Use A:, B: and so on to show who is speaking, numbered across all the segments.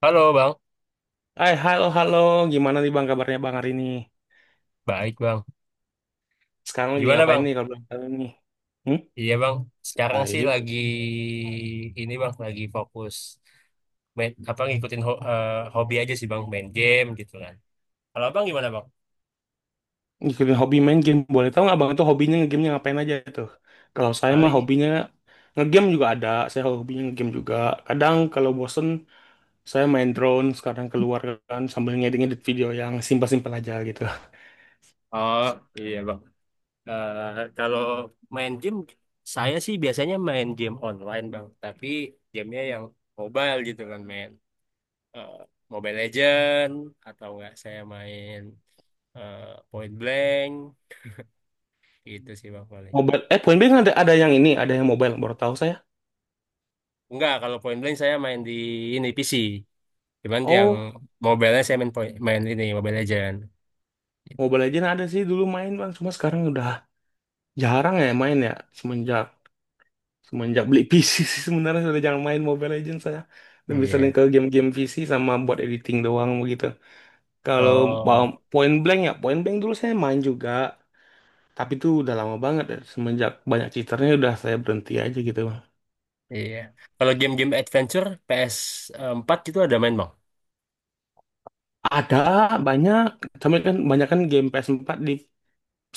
A: Halo Bang,
B: Hai, halo, halo. Gimana nih Bang, kabarnya Bang hari ini?
A: baik Bang.
B: Sekarang lagi
A: Gimana
B: ngapain
A: Bang?
B: nih, kalau belum tahu nih? Hmm?
A: Iya Bang, sekarang sih
B: Baik.
A: lagi ini Bang, lagi fokus main, apa ngikutin hobi aja sih Bang, main game gitu kan. Kalau Bang gimana Bang?
B: Ngikutin hobi main game. Boleh tahu nggak Bang itu hobinya ngegame ngapain aja tuh? Kalau saya mah
A: Paling
B: hobinya ngegame juga ada. Saya hobinya ngegame juga. Kadang kalau bosen, saya main drone. Sekarang keluar kan sambil ngedit-ngedit video yang simpel-simpel aja gitu.
A: oh iya Bang. Eh, kalau main game saya sih biasanya main game online Bang, tapi gamenya yang mobile gitu kan main eh, Mobile Legend atau enggak saya main eh, Point Blank gitu sih Bang paling.
B: Mobile, eh Point Blank ada yang ini, ada yang mobile. Baru tahu saya.
A: Enggak, kalau Point Blank saya main di ini PC. Cuman yang
B: Oh,
A: mobile saya main point, main ini Mobile Legend.
B: Mobile Legends ada sih dulu main Bang. Cuma sekarang udah jarang ya main ya. Semenjak Semenjak beli PC sih sebenarnya sudah jangan main Mobile Legends saya. Lebih sering
A: Iya.
B: ke game-game PC sama buat editing doang begitu. Kalau mau
A: Oh,
B: Point Blank ya, Point Blank dulu saya main juga. Tapi itu udah lama banget ya. Semenjak banyak cheaternya udah saya berhenti aja gitu.
A: iya. Kalau game-game adventure ps empat itu ada main, Bang?
B: Ada banyak, tapi kan banyak kan game PS4 di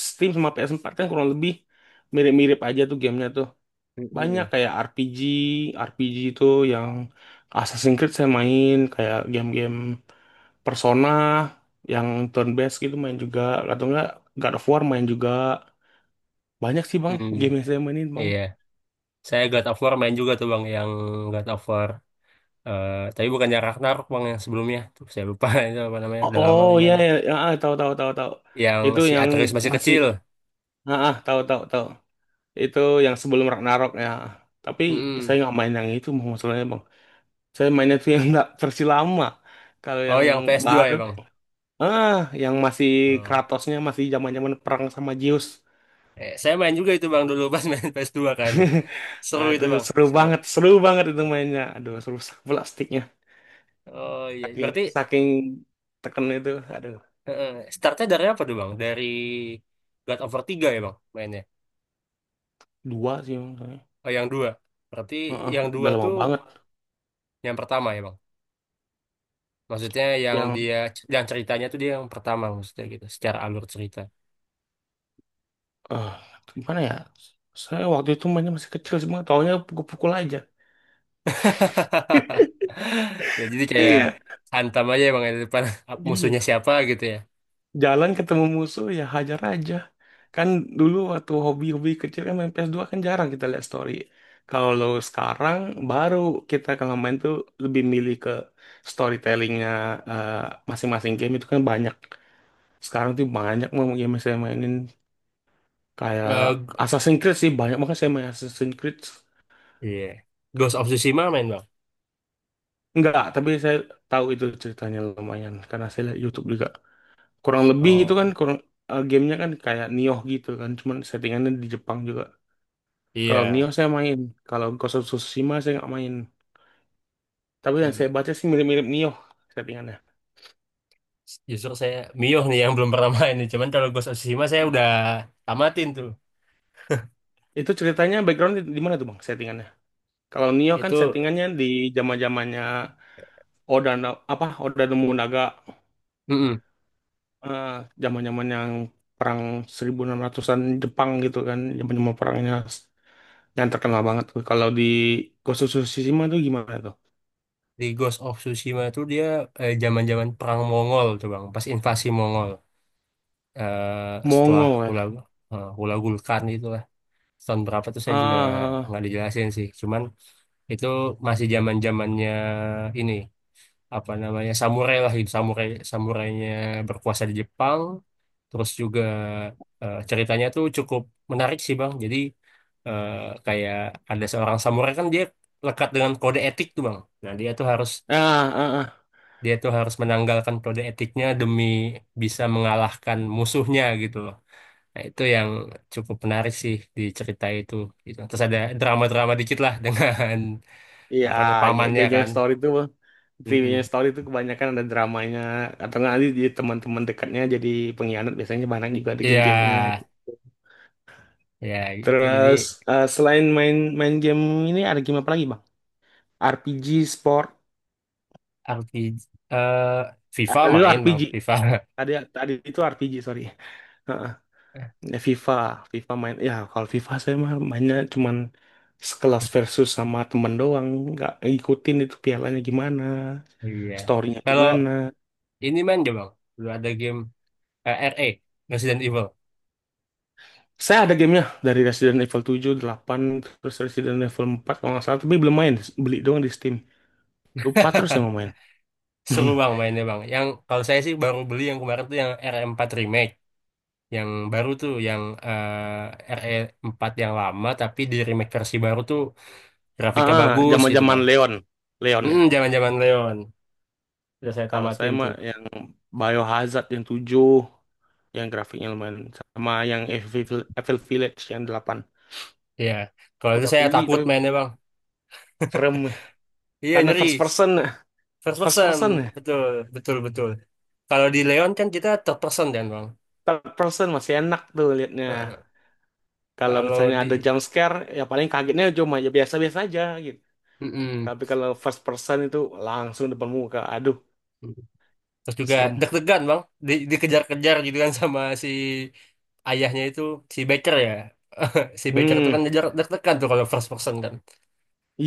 B: Steam sama PS4 kan kurang lebih mirip-mirip aja tuh gamenya tuh. Banyak
A: Mm-mm.
B: kayak RPG, itu yang Assassin's Creed saya main, kayak game-game Persona yang turn based gitu main juga, atau enggak God of War main juga, banyak sih bang
A: Hmm,
B: game yang saya mainin bang.
A: iya. Saya God of War main juga tuh, Bang, yang God of War. Eh, tapi bukannya Ragnarok, Bang, yang sebelumnya. Tuh, saya lupa itu apa namanya,
B: oh,
A: udah lama
B: oh
A: lagi
B: iya
A: mainnya.
B: ya, ya ah, tahu tahu tahu tahu,
A: Yang
B: itu
A: si
B: yang
A: Atreus masih
B: masih,
A: kecil.
B: tahu tahu tahu, itu yang sebelum Ragnarok ya, tapi saya
A: Mm-mm.
B: nggak main yang itu Bang, masalahnya bang, saya mainnya tuh yang nggak versi lama. Kalau
A: Oh,
B: yang
A: yang ps dua
B: baru,
A: ya, Bang?
B: ah yang masih
A: Oh.
B: Kratosnya masih zaman zaman perang sama Zeus.
A: Eh, saya main juga itu bang dulu pas main ps dua kan. Seru
B: Nah, itu
A: itu bang, seru.
B: seru banget itu mainnya. Aduh, seru sakit plastiknya.
A: Oh iya,
B: Saking
A: berarti
B: saking teken itu, ada
A: eh, eh, startnya dari apa tuh bang? Dari God of War 3 ya bang mainnya?
B: dua sih emang saya.
A: Oh yang dua. Berarti
B: Heeh,
A: yang dua
B: udah lama
A: tuh
B: banget
A: yang pertama ya bang? Maksudnya yang
B: yang,
A: dia, yang ceritanya tuh dia yang pertama maksudnya gitu, secara alur cerita.
B: eh gimana ya? Saya waktu itu mainnya masih kecil, cuma taunya pukul-pukul aja.
A: Ya, jadi kayak
B: Iya.
A: hantam aja ya bang di depan
B: Iya.
A: musuhnya siapa gitu ya.
B: Jalan ketemu musuh ya hajar aja. Kan dulu waktu hobi-hobi kecil kan main PS2 kan jarang kita lihat story. Kalau sekarang baru kita kalau main tuh lebih milih ke storytellingnya, eh, masing-masing game itu kan banyak. Sekarang tuh banyak mau game yang saya mainin. Kayak
A: Eh, g-
B: Assassin's Creed sih banyak banget saya main Assassin's Creed.
A: Iya. Ghost of Tsushima main bang?
B: Enggak, tapi saya tahu itu ceritanya lumayan karena saya lihat YouTube juga. Kurang lebih itu
A: Oh
B: kan kurang, gamenya kan kayak Nioh gitu kan, cuman settingannya di Jepang juga. Kalau Nioh
A: iya.
B: saya main, kalau Ghost of Tsushima saya nggak main. Tapi yang saya
A: Hmm.
B: baca sih mirip-mirip Nioh settingannya.
A: Justru saya Mio nih yang belum pernah main nih. Cuman kalau Ghost of Tsushima saya udah tamatin tuh.
B: Itu ceritanya background di, mana tuh bang settingannya? Kalau Nioh kan
A: Itu
B: settingannya di zaman-zamannya Oda apa Oda Nobunaga,
A: mm-mm.
B: eh, zaman-zaman yang perang 1600-an Jepang gitu kan, zaman-zaman perangnya yang terkenal banget tuh. Kalau di Ghost of Tsushima tuh gimana tuh?
A: Di Ghost of Tsushima tuh dia zaman-zaman perang Mongol tuh bang, pas invasi Mongol. Eh, setelah
B: Mongol
A: Hula
B: ya.
A: Hula Gulkan itulah tahun berapa tuh saya juga
B: Ah,
A: nggak dijelasin sih. Cuman itu masih zaman-zamannya ini. Apa namanya samurai lah gitu samurai samurainya berkuasa di Jepang terus juga ceritanya tuh cukup menarik sih bang jadi eh, kayak ada seorang samurai kan dia lekat dengan kode etik tuh bang nah dia tuh harus
B: ah, ah, ah.
A: dia tuh harus menanggalkan kode etiknya demi bisa mengalahkan musuhnya gitu loh nah itu yang cukup menarik sih di cerita itu gitu terus ada drama-drama dikit lah dengan
B: Iya,
A: apa namanya pamannya
B: game-game
A: kan.
B: story tuh, game
A: Mm-mm.
B: story tuh kebanyakan ada dramanya, atau nggak nanti di teman-teman dekatnya jadi pengkhianat, biasanya banyak juga ada
A: Iya
B: game-gamenya.
A: ya gitu jadi
B: Terus, selain main main game ini, ada game apa lagi, Bang? RPG, sport.
A: RPG eh
B: Ah,
A: FIFA
B: tadi itu
A: main
B: RPG.
A: bang FIFA.
B: Tadi tadi itu RPG, sorry. Heeh. Ya, FIFA main. Ya kalau FIFA saya mah mainnya cuman sekelas versus sama temen doang. Nggak ngikutin itu pialanya gimana,
A: Iya.
B: storynya
A: Kalau
B: gimana.
A: ini main gak bang dulu ada game RE Resident Evil
B: Saya ada gamenya dari Resident Evil 7, 8, terus Resident Evil 4, kalau nggak salah, tapi belum main. Beli doang di Steam. Lupa terus yang mau main.
A: seru bang mainnya bang yang kalau saya sih baru beli yang kemarin tuh yang RE4 remake yang baru tuh yang RE4 yang lama tapi di remake versi baru tuh
B: Ah,
A: grafiknya
B: ah,
A: bagus gitu
B: zaman-zaman
A: bang.
B: Leon, Leon ya.
A: Mm, zaman-zaman Leon udah saya
B: Kalau saya
A: tamatin
B: mah
A: tuh.
B: ya Biohazard 7, yang grafiknya lumayan, sama yang Evil Village 8,
A: Iya, kalau itu
B: udah
A: saya
B: beli
A: takut
B: tapi
A: mainnya
B: belum
A: bang.
B: serem,
A: Iya
B: karena first
A: nyeri,
B: person
A: first
B: first
A: person,
B: person
A: betul, betul, betul. Kalau di Leon kan kita third person kan bang.
B: Third person masih enak tuh liatnya,
A: Heeh.
B: kalau
A: Kalau
B: misalnya
A: di
B: ada jump scare ya paling kagetnya cuma ya biasa-biasa aja gitu,
A: mm-mm.
B: tapi kalau first person itu langsung depan muka, aduh,
A: Terus juga
B: serem.
A: deg-degan bang, di, dikejar-kejar gitu kan sama si ayahnya itu si Baker ya. Si Baker itu kan
B: Hmm,
A: ngejar deg-degan tuh kalau first person kan.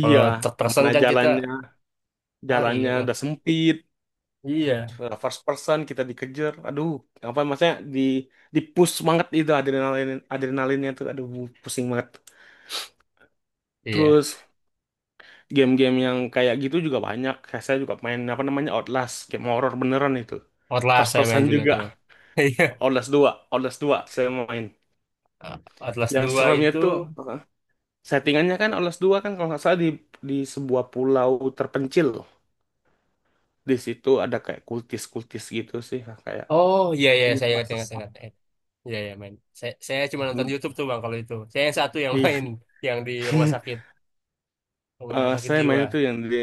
A: Kalau third person
B: Mana
A: kan kita
B: jalannya
A: lari
B: jalannya
A: enak.
B: udah sempit,
A: Iya,
B: first person kita dikejar, aduh, apa maksudnya di push banget itu, adrenalinnya tuh aduh pusing banget.
A: iya.
B: Terus game-game yang kayak gitu juga banyak, kayak saya juga main apa namanya Outlast, game horror beneran itu,
A: Outlast
B: first
A: saya main
B: person
A: juga
B: juga.
A: tuh bang. Iya.
B: Outlast 2, Outlast 2 saya main,
A: Atlas
B: yang
A: 2
B: seremnya
A: itu
B: tuh, settingannya kan Outlast 2 kan kalau nggak salah di sebuah pulau terpencil, di situ ada kayak kultis-kultis gitu sih, kayak
A: oh iya iya saya
B: penyembah
A: ingat ingat
B: sesat.
A: ingat. ingat. Iya iya main. Saya cuma nonton YouTube tuh bang kalau itu. Saya yang satu yang
B: Iya.
A: main yang di rumah sakit. Rumah sakit
B: Saya main
A: jiwa.
B: itu yang dia,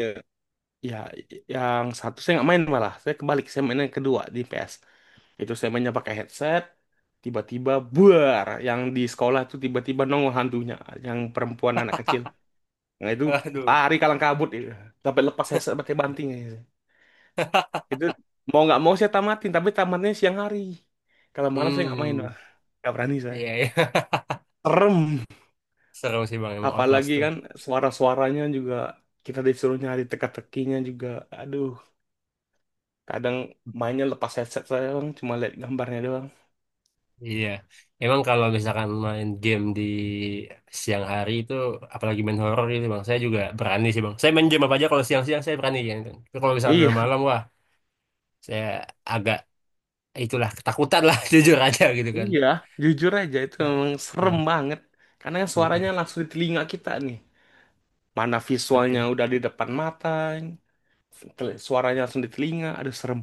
B: ya, yang satu saya nggak main, malah saya kebalik, saya main yang kedua di PS. Itu saya mainnya pakai headset, tiba-tiba buar yang di sekolah tuh, tiba-tiba nongol hantunya, yang perempuan anak kecil, nah itu
A: Aduh.
B: lari kalang kabut itu, sampai lepas headset pakai banting gitu. Itu mau nggak mau saya tamatin, tapi tamatnya siang hari, kalau malam saya nggak main
A: Hmm,
B: lah, nggak berani saya,
A: iya, iya.
B: serem.
A: Seru sih bang, emang Outlast
B: Apalagi
A: tuh.
B: kan suara-suaranya juga, kita disuruh nyari teka-tekinya juga, aduh. Kadang mainnya lepas headset saya bang, cuma lihat gambarnya doang.
A: Iya. Emang kalau misalkan main game di siang hari itu, apalagi main horor gitu bang, saya juga berani sih bang. Saya main game apa aja kalau siang-siang saya berani gitu. Tapi kalau misalkan udah
B: Iya.
A: malam, wah, saya agak itulah ketakutan lah jujur aja gitu kan.
B: Iya, jujur aja itu
A: Heeh.
B: memang serem
A: Heeh.
B: banget. Karena yang
A: Mm-mm.
B: suaranya langsung di telinga kita nih. Mana visualnya
A: Betul.
B: udah di depan mata, suaranya langsung di telinga, aduh serem.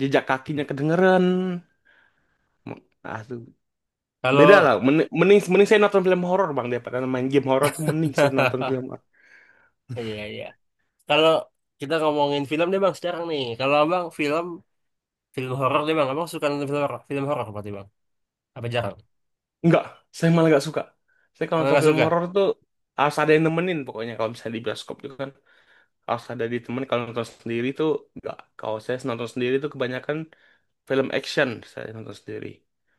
B: Jejak kakinya kedengeran. M- Aduh,
A: Kalau
B: beda lah. Mending saya nonton film horor bang, daripada main game horor tuh mending saya nonton film horor.
A: iya iya. Kalau kita ngomongin film deh bang sekarang nih. Kalau abang film film horor deh bang, abang suka nonton film horor? Film horor berarti bang? Apa jarang?
B: Enggak, saya malah gak suka. Saya kalau
A: Oh,
B: nonton
A: nggak
B: film
A: suka?
B: horor tuh harus ada yang nemenin pokoknya, kalau misalnya di bioskop itu kan, harus ada di temen. Kalau nonton sendiri tuh nggak, kalau saya nonton sendiri tuh kebanyakan film action saya nonton sendiri,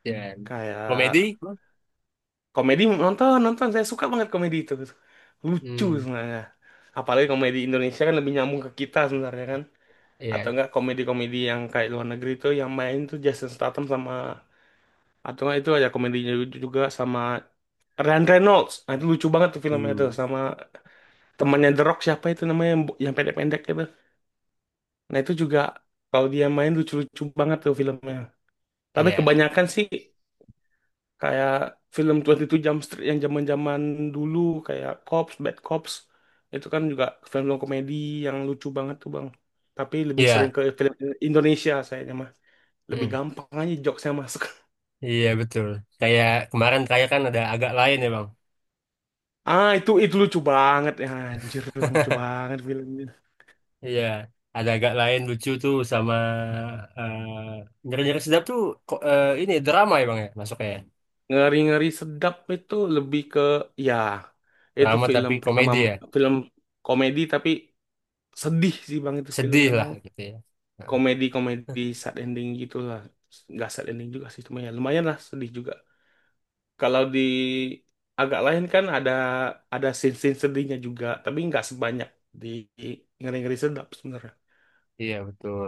A: Ya.
B: kayak
A: Komedi? Bang?
B: komedi. Nonton nonton, saya suka banget komedi itu, lucu
A: Hmm,
B: sebenarnya, apalagi komedi Indonesia kan lebih nyambung ke kita sebenarnya kan, atau
A: iya.
B: enggak komedi-komedi yang kayak luar negeri tuh yang main tuh Jason Statham sama, atau enggak itu ada komedinya juga sama Ryan Reynolds, nah itu lucu banget tuh filmnya tuh,
A: Hmm,
B: sama temannya The Rock siapa itu namanya, yang pendek-pendek itu. Nah itu juga, kalau dia main lucu-lucu banget tuh filmnya. Tapi
A: iya.
B: kebanyakan sih kayak film 22 Jump Street yang zaman-zaman dulu, kayak Cops, Bad Cops, itu kan juga film komedi yang lucu banget tuh Bang. Tapi lebih sering
A: Iya.
B: ke film Indonesia sayangnya mah. Lebih
A: Hmm.
B: gampang aja jokesnya masuk.
A: Iya betul. Kayak kemarin kayak kan ada agak lain ya bang.
B: Ah, itu lucu banget ya anjir, lucu banget filmnya.
A: Iya. Ada agak lain lucu tuh sama eh nyeri-nyeri sedap tuh ini drama ya bang ya masuknya. Ya?
B: Ngeri-ngeri sedap itu lebih ke, ya, itu
A: Drama
B: film
A: tapi
B: pertama,
A: komedi ya.
B: film komedi tapi sedih sih bang itu
A: Sedih
B: filmnya bang,
A: lah gitu ya. Nah,
B: komedi komedi sad ending gitulah. Nggak sad ending juga sih, cuma ya lumayan lah sedih juga. Kalau di agak lain kan ada scene scene sedihnya juga, tapi nggak sebanyak di ngeri ngeri sedap sebenarnya.
A: iya betul.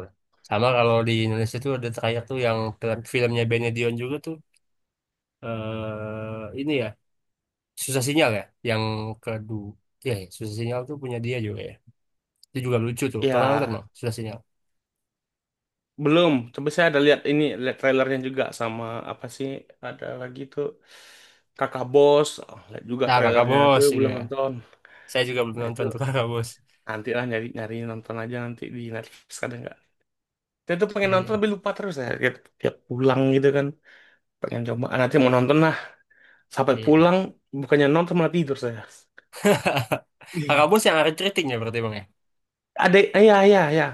A: Sama kalau di Indonesia tuh ada terakhir tuh yang filmnya Benedion juga tuh. Eh ini ya susah sinyal ya yang kedua ya, ya, susah sinyal tuh punya dia juga ya itu juga lucu tuh pernah nonton
B: Ya,
A: bang susah sinyal
B: belum, tapi saya ada lihat ini, lihat trailernya juga, sama apa sih, ada lagi tuh, kakak bos. Oh, lihat juga
A: nah kakak
B: trailernya
A: bos
B: tuh,
A: juga
B: belum nonton.
A: saya juga belum
B: Nah itu,
A: nonton tuh kakak bos
B: nanti lah, nyari nyari nonton aja nanti di Netflix ada nggak. Dia tuh pengen nonton
A: iya
B: tapi lupa terus ya. Tiap pulang gitu kan. Pengen coba. Ah, nanti mau nonton lah. Sampai
A: iya.
B: pulang bukannya nonton malah tidur saya.
A: Kakak bos yang ada Riting ya berarti bang ya
B: Ada, ya ya ya.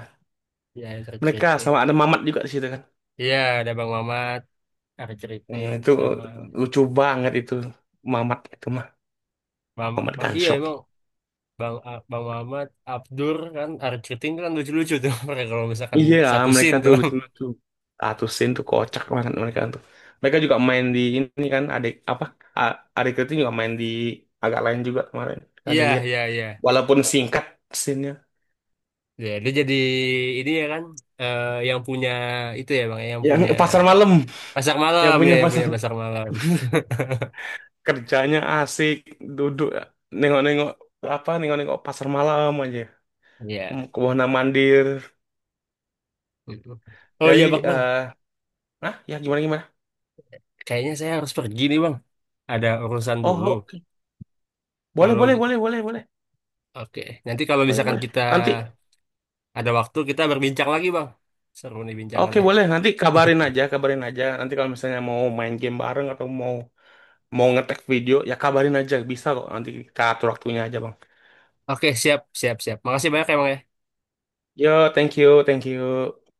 A: iya yang ada
B: Mereka
A: Riting
B: sama ada Mamat juga di situ kan.
A: iya ada bang Mamat Arif
B: Hmm,
A: Riting
B: itu
A: sama
B: lucu banget itu Mamat itu mah. Mamat
A: Iya
B: Gunshop.
A: emang Bang Mamat Abdur kan Arif Riting kan lucu-lucu tuh mereka kalau misalkan
B: Iya,
A: satu
B: mereka
A: scene tuh
B: tuh
A: Bang.
B: lucu-lucu. Atusin tuh kocak banget mereka tuh. Mereka juga main di ini kan, adik apa? Adik itu juga main di agak lain juga kemarin. Ada
A: Iya
B: lihat.
A: iya iya.
B: Walaupun singkat scene-nya.
A: Ya, dia jadi ini ya kan yang punya itu ya bang, ya, yang
B: Yang
A: punya
B: pasar malam.
A: pasar
B: Yang
A: malam ya,
B: punya
A: yang punya
B: pasangan.
A: pasar malam.
B: Kerjanya asik duduk nengok-nengok nengok-nengok pasar malam aja.
A: Iya.
B: Hmm, ke Wana Mandir
A: Mm. Oh
B: jadi,
A: iya bang, bang.
B: eh ya gimana gimana.
A: Kayaknya saya harus pergi nih bang. Ada urusan
B: oh
A: dulu.
B: oh, oke. Boleh,
A: Kalau
B: boleh, boleh, boleh, boleh,
A: oke, nanti kalau
B: boleh,
A: misalkan
B: boleh
A: kita
B: nanti.
A: ada waktu kita berbincang lagi bang. Seru nih
B: Oke,
A: bincangannya.
B: boleh, nanti kabarin aja, kabarin aja nanti kalau misalnya mau main game bareng atau mau mau ngetek video, ya kabarin aja, bisa kok, nanti kita atur waktunya aja bang.
A: Oke, siap, siap, siap. Makasih banyak ya bang ya.
B: Yo, thank you, thank you.